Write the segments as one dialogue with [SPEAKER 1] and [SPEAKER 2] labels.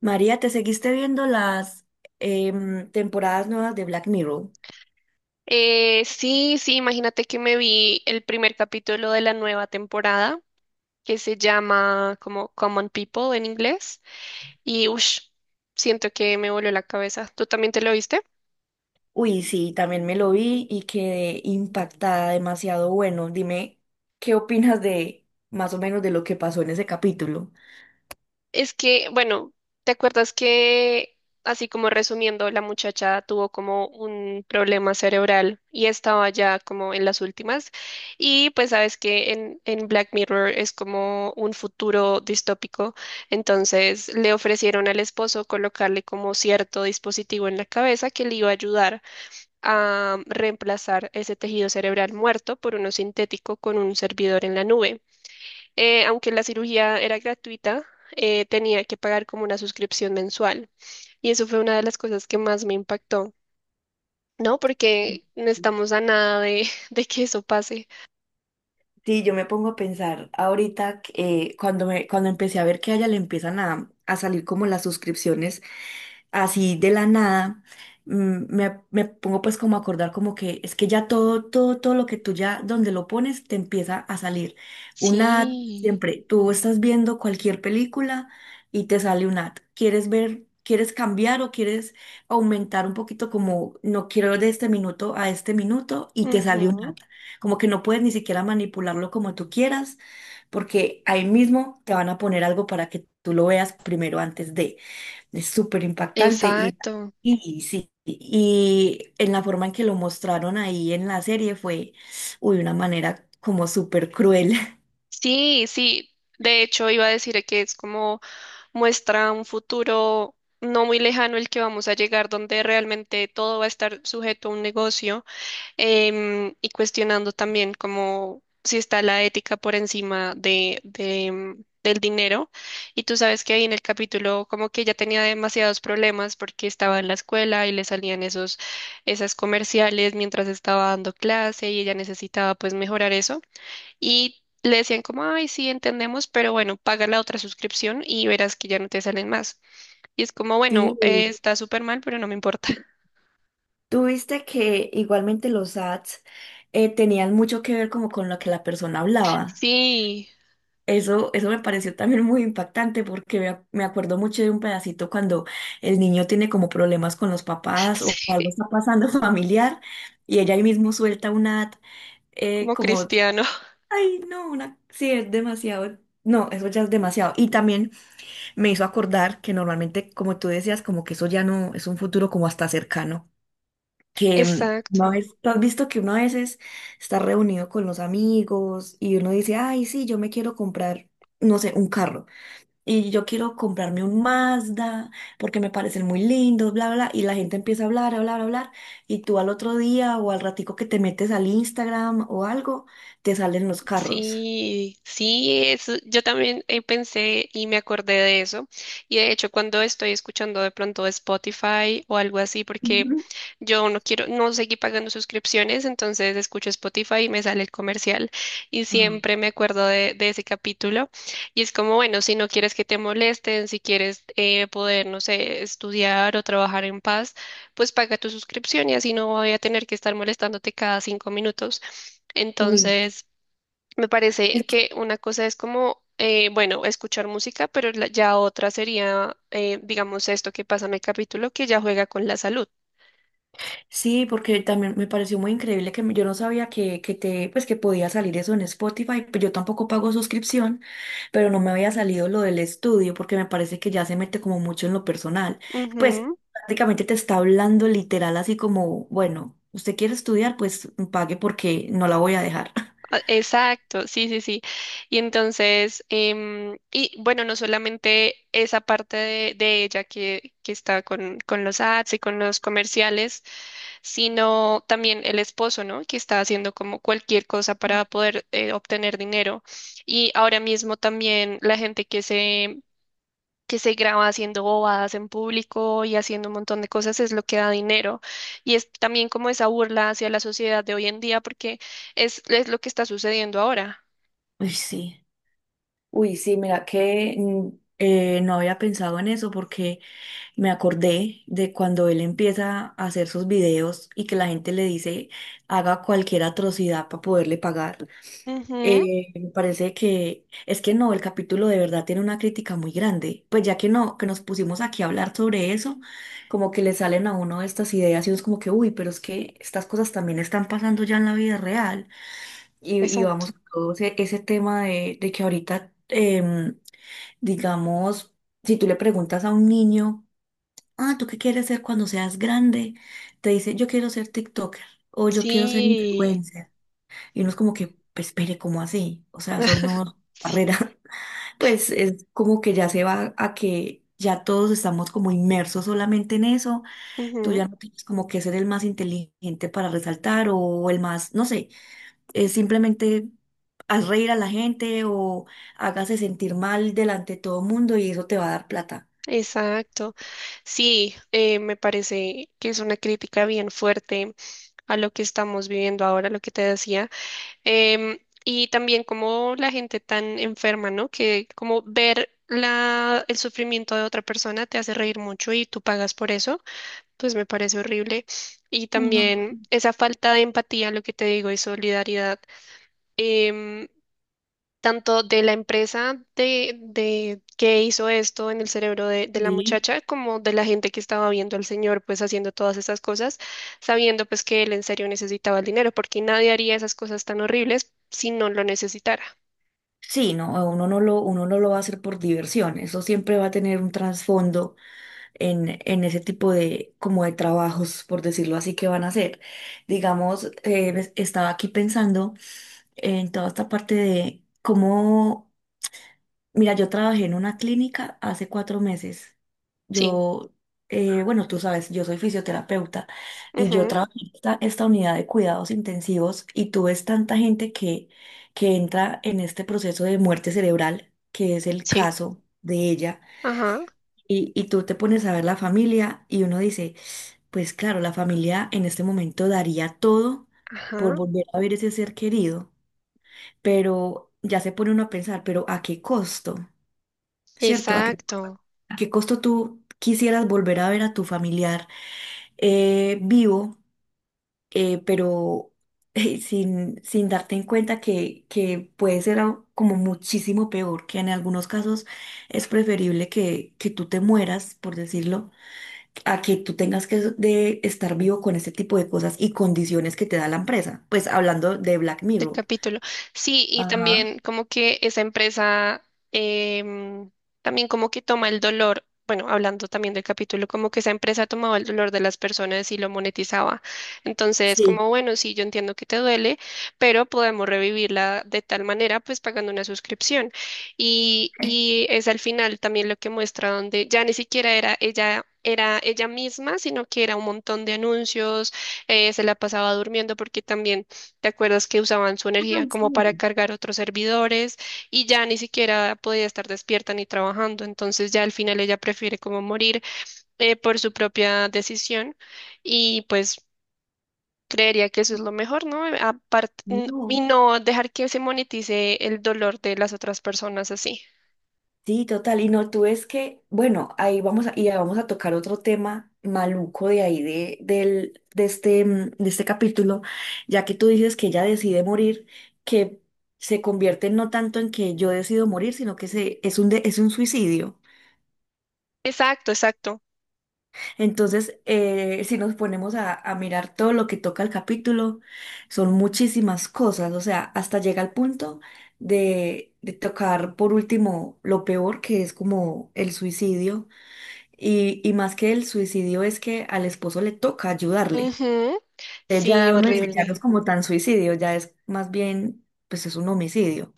[SPEAKER 1] María, ¿te seguiste viendo las temporadas nuevas de Black Mirror?
[SPEAKER 2] Sí, sí, imagínate que me vi el primer capítulo de la nueva temporada que se llama como Common People en inglés y ush, siento que me voló la cabeza. ¿Tú también te lo viste?
[SPEAKER 1] Uy, sí, también me lo vi y quedé impactada, demasiado bueno. Dime, ¿qué opinas de más o menos de lo que pasó en ese capítulo?
[SPEAKER 2] Es que, bueno, ¿te acuerdas que, así como resumiendo, la muchacha tuvo como un problema cerebral y estaba ya como en las últimas? Y pues sabes que en Black Mirror es como un futuro distópico, entonces le ofrecieron al esposo colocarle como cierto dispositivo en la cabeza que le iba a ayudar a reemplazar ese tejido cerebral muerto por uno sintético con un servidor en la nube, aunque la cirugía era gratuita, tenía que pagar como una suscripción mensual. Y eso fue una de las cosas que más me impactó, ¿no? Porque no estamos a nada de, de que eso pase.
[SPEAKER 1] Sí, yo me pongo a pensar ahorita que, cuando me, cuando empecé a ver que a ella le empiezan a salir como las suscripciones así de la nada, mm, me pongo pues como a acordar como que es que ya todo, todo, todo lo que tú ya donde lo pones te empieza a salir. Un ad,
[SPEAKER 2] Sí.
[SPEAKER 1] siempre, tú estás viendo cualquier película y te sale un ad. ¿Quieres ver, quieres cambiar o quieres aumentar un poquito como no quiero de este minuto a este minuto y te sale un
[SPEAKER 2] Ujú.
[SPEAKER 1] ad? Como que no puedes ni siquiera manipularlo como tú quieras, porque ahí mismo te van a poner algo para que tú lo veas primero antes de. Es súper impactante
[SPEAKER 2] Exacto.
[SPEAKER 1] y sí. Y en la forma en que lo mostraron ahí en la serie fue, uy, una manera como súper cruel.
[SPEAKER 2] Sí, sí. De hecho, iba a decir que es como muestra un futuro no muy lejano el que vamos a llegar, donde realmente todo va a estar sujeto a un negocio, y cuestionando también como si está la ética por encima de del dinero. Y tú sabes que ahí en el capítulo como que ella tenía demasiados problemas porque estaba en la escuela y le salían esas comerciales mientras estaba dando clase y ella necesitaba pues mejorar eso. Y le decían como, ay, sí, entendemos, pero bueno, paga la otra suscripción y verás que ya no te salen más. Y es como, bueno,
[SPEAKER 1] Sí,
[SPEAKER 2] está súper mal, pero no me importa.
[SPEAKER 1] tú viste que igualmente los ads tenían mucho que ver como con lo que la persona hablaba.
[SPEAKER 2] Sí,
[SPEAKER 1] Eso me pareció también muy impactante porque me acuerdo mucho de un pedacito cuando el niño tiene como problemas con los papás o
[SPEAKER 2] sí,
[SPEAKER 1] algo está pasando familiar y ella ahí mismo suelta una eh,
[SPEAKER 2] como
[SPEAKER 1] como,
[SPEAKER 2] cristiano.
[SPEAKER 1] ay, no, una, sí, es demasiado, no, eso ya es demasiado. Y también me hizo acordar que normalmente, como tú decías, como que eso ya no es un futuro como hasta cercano, que mm, una
[SPEAKER 2] Exacto.
[SPEAKER 1] vez, tú has visto que uno a veces está reunido con los amigos y uno dice, ay, sí, yo me quiero comprar, no sé, un carro. Y yo quiero comprarme un Mazda porque me parecen muy lindos, bla, bla, bla, y la gente empieza a hablar, a hablar, a hablar, y tú al otro día o al ratico que te metes al Instagram o algo, te salen los carros.
[SPEAKER 2] Sí, sí, es, yo también pensé y me acordé de eso. Y de hecho, cuando estoy escuchando de pronto Spotify o algo así, porque
[SPEAKER 1] Ujú.
[SPEAKER 2] yo no quiero, no seguí pagando suscripciones, entonces escucho Spotify y me sale el comercial. Y
[SPEAKER 1] Ajá.
[SPEAKER 2] siempre me acuerdo de ese capítulo. Y es como, bueno, si no quieres que te molesten, si quieres poder, no sé, estudiar o trabajar en paz, pues paga tu suscripción y así no voy a tener que estar molestándote cada 5 minutos.
[SPEAKER 1] Uy,
[SPEAKER 2] Entonces... me parece que una cosa es como, bueno, escuchar música, pero ya otra sería, digamos, esto que pasa en el capítulo, que ya juega con la salud.
[SPEAKER 1] sí, porque también me pareció muy increíble que me- yo no sabía que te, pues que podía salir eso en Spotify, pues yo tampoco pago suscripción, pero no me había salido lo del estudio porque me parece que ya se mete como mucho en lo personal. Pues
[SPEAKER 2] Ujú.
[SPEAKER 1] prácticamente te está hablando literal así como, bueno, usted quiere estudiar, pues pague porque no la voy a dejar.
[SPEAKER 2] Ah, exacto, sí, sí, sí. Y entonces, y bueno, no solamente esa parte de ella que está con los ads y con los comerciales, sino también el esposo, ¿no? Que está haciendo como cualquier cosa para poder obtener dinero. Y ahora mismo también la gente que se graba haciendo bobadas en público y haciendo un montón de cosas es lo que da dinero. Y es también como esa burla hacia la sociedad de hoy en día porque es lo que está sucediendo ahora.
[SPEAKER 1] Uy, sí. Uy, sí, mira que no había pensado en eso porque me acordé de cuando él empieza a hacer sus videos y que la gente le dice haga cualquier atrocidad para poderle pagar.
[SPEAKER 2] Ujú.
[SPEAKER 1] Me parece que es que no, el capítulo de verdad tiene una crítica muy grande. Pues ya que no, que nos pusimos aquí a hablar sobre eso, como que le salen a uno estas ideas y uno es como que, uy, pero es que estas cosas también están pasando ya en la vida real. Y
[SPEAKER 2] Exacto.
[SPEAKER 1] vamos a todo ese, ese tema de que ahorita, digamos, si tú le preguntas a un niño ah, ¿tú qué quieres ser cuando seas grande? Te dice, yo quiero ser TikToker o yo quiero ser
[SPEAKER 2] Sí.
[SPEAKER 1] influencer. Y uno es como que, pues, espere, ¿cómo así? O sea, son no barreras. Pues es como que ya se va a que ya todos estamos como inmersos solamente en eso. Tú
[SPEAKER 2] Ujú.
[SPEAKER 1] ya no tienes como que ser el más inteligente para resaltar o el más, no sé, simplemente haz reír a la gente o hágase sentir mal delante de todo el mundo y eso te va a dar plata.
[SPEAKER 2] Exacto. Sí, me parece que es una crítica bien fuerte a lo que estamos viviendo ahora, lo que te decía. Em, y también como la gente tan enferma, ¿no? Que como ver la, el sufrimiento de otra persona te hace reír mucho y tú pagas por eso, pues me parece horrible. Y
[SPEAKER 1] Ay, no.
[SPEAKER 2] también esa falta de empatía, lo que te digo, y solidaridad. em, tanto de la empresa de que hizo esto en el cerebro de la
[SPEAKER 1] Sí.
[SPEAKER 2] muchacha, como de la gente que estaba viendo al señor pues haciendo todas esas cosas, sabiendo pues que él en serio necesitaba el dinero, porque nadie haría esas cosas tan horribles si no lo necesitara.
[SPEAKER 1] Sí, no, uno no lo va a hacer por diversión, eso siempre va a tener un trasfondo en ese tipo de, como de trabajos, por decirlo así, que van a hacer. Digamos, estaba aquí pensando en toda esta parte de cómo. Mira, yo trabajé en una clínica hace 4 meses.
[SPEAKER 2] Sí,
[SPEAKER 1] Yo, bueno, tú sabes, yo soy fisioterapeuta y yo
[SPEAKER 2] ujú,
[SPEAKER 1] trabajé en esta unidad de cuidados intensivos y tú ves tanta gente que entra en este proceso de muerte cerebral, que es el
[SPEAKER 2] sí,
[SPEAKER 1] caso de ella,
[SPEAKER 2] ajá,
[SPEAKER 1] y tú te pones a ver la familia y uno dice, pues claro, la familia en este momento daría todo por
[SPEAKER 2] ajá,
[SPEAKER 1] volver a ver ese ser querido, pero ya se pone uno a pensar, pero ¿a qué costo? ¿Cierto? ¿A qué?
[SPEAKER 2] exacto.
[SPEAKER 1] ¿A qué costo tú quisieras volver a ver a tu familiar vivo, eh, pero sin, sin darte en cuenta que puede ser algo como muchísimo peor, que en algunos casos es preferible que tú te mueras, por decirlo, a que tú tengas que de estar vivo con ese tipo de cosas y condiciones que te da la empresa? Pues hablando de Black
[SPEAKER 2] De
[SPEAKER 1] Mirror.
[SPEAKER 2] capítulo. Sí, y
[SPEAKER 1] Ajá,
[SPEAKER 2] también como que esa empresa, em, también como que toma el dolor, bueno, hablando también del capítulo, como que esa empresa tomaba el dolor de las personas y lo monetizaba. Entonces,
[SPEAKER 1] sí.
[SPEAKER 2] como bueno, sí, yo entiendo que te duele, pero podemos revivirla de tal manera, pues pagando una suscripción. Y es al final también lo que muestra donde ya ni siquiera era ella. Era ella misma, sino que era un montón de anuncios, se la pasaba durmiendo porque también ¿te acuerdas que usaban su energía
[SPEAKER 1] Ay,
[SPEAKER 2] como para
[SPEAKER 1] sí.
[SPEAKER 2] cargar otros servidores y ya ni siquiera podía estar despierta ni trabajando? Entonces ya al final ella prefiere como morir, por su propia decisión y pues creería que eso es lo mejor, ¿no? Aparte, y
[SPEAKER 1] No.
[SPEAKER 2] no dejar que se monetice el dolor de las otras personas así.
[SPEAKER 1] Sí, total. Y no, tú es que, bueno, ahí vamos a, y ya vamos a tocar otro tema maluco de ahí, de, del, de este, de este capítulo, ya que tú dices que ella decide morir, que se convierte no tanto en que yo decido morir, sino que se, es un, de- es un suicidio.
[SPEAKER 2] Exacto, exacto.
[SPEAKER 1] Entonces, si nos ponemos a mirar todo lo que toca el capítulo, son muchísimas cosas, o sea, hasta llega al punto de tocar por último lo peor, que es como el suicidio. Y más que el suicidio es que al esposo le toca ayudarle.
[SPEAKER 2] Ujú.
[SPEAKER 1] Eh,
[SPEAKER 2] Sí,
[SPEAKER 1] Ya uno dice, ya no es
[SPEAKER 2] horrible.
[SPEAKER 1] como tan suicidio, ya es más bien, pues es un homicidio.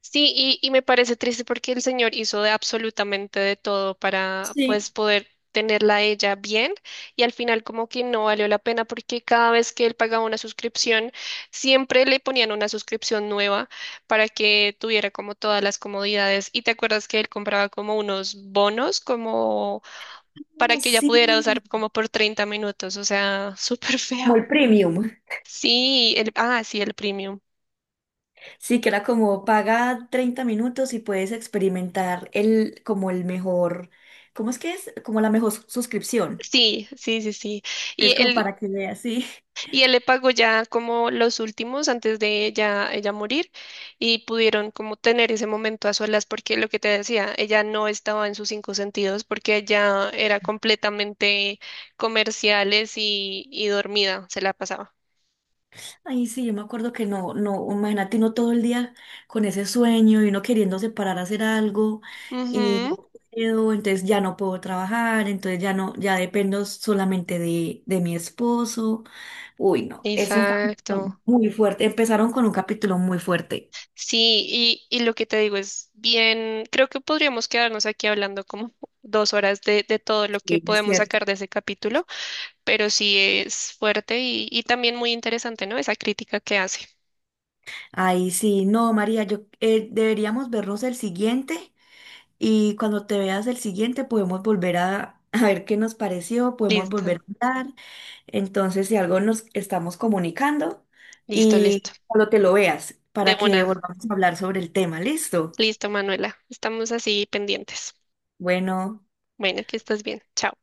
[SPEAKER 2] Sí, y me parece triste porque el señor hizo de absolutamente de todo para pues
[SPEAKER 1] Sí.
[SPEAKER 2] poder tenerla a ella bien y al final como que no valió la pena porque cada vez que él pagaba una suscripción siempre le ponían una suscripción nueva para que tuviera como todas las comodidades y te acuerdas que él compraba como unos bonos como para
[SPEAKER 1] Ah,
[SPEAKER 2] que ella
[SPEAKER 1] sí,
[SPEAKER 2] pudiera usar como por 30 minutos, o sea, súper
[SPEAKER 1] como el
[SPEAKER 2] feo.
[SPEAKER 1] premium.
[SPEAKER 2] Sí, el, ah, sí, el premium.
[SPEAKER 1] Sí, que era como paga 30 minutos y puedes experimentar el, como el mejor, ¿cómo es que es? Como la mejor suscripción.
[SPEAKER 2] Sí, sí, sí, sí. Y
[SPEAKER 1] Es como
[SPEAKER 2] el,
[SPEAKER 1] para que veas, sí.
[SPEAKER 2] y él le pagó ya como los últimos antes de ella morir y pudieron como tener ese momento a solas porque lo que te decía, ella no estaba en sus cinco sentidos porque ella era completamente comerciales y dormida, se la pasaba.
[SPEAKER 1] Ay, sí, yo me acuerdo que no, no, imagínate uno todo el día con ese sueño y uno queriéndose parar a hacer algo y
[SPEAKER 2] Ujú,
[SPEAKER 1] no puedo, entonces ya no puedo trabajar, entonces ya no, ya dependo solamente de mi esposo. Uy, no, es un capítulo
[SPEAKER 2] exacto.
[SPEAKER 1] muy fuerte. Empezaron con un capítulo muy fuerte.
[SPEAKER 2] Sí, y lo que te digo es bien, creo que podríamos quedarnos aquí hablando como 2 horas de todo lo que
[SPEAKER 1] Sí, es
[SPEAKER 2] podemos
[SPEAKER 1] cierto.
[SPEAKER 2] sacar de ese capítulo. Pero sí es fuerte y también muy interesante, ¿no? Esa crítica que hace.
[SPEAKER 1] Ay, sí, no, María, yo deberíamos vernos el siguiente. Y cuando te veas el siguiente, podemos volver a, a ver qué nos pareció, podemos
[SPEAKER 2] Listo,
[SPEAKER 1] volver a hablar. Entonces, si algo nos estamos comunicando
[SPEAKER 2] listo, listo.
[SPEAKER 1] y cuando te lo veas,
[SPEAKER 2] De
[SPEAKER 1] para que
[SPEAKER 2] una.
[SPEAKER 1] volvamos a hablar sobre el tema, ¿listo?
[SPEAKER 2] Listo, Manuela. Estamos así pendientes.
[SPEAKER 1] Bueno.
[SPEAKER 2] Bueno, que estés bien. Chao.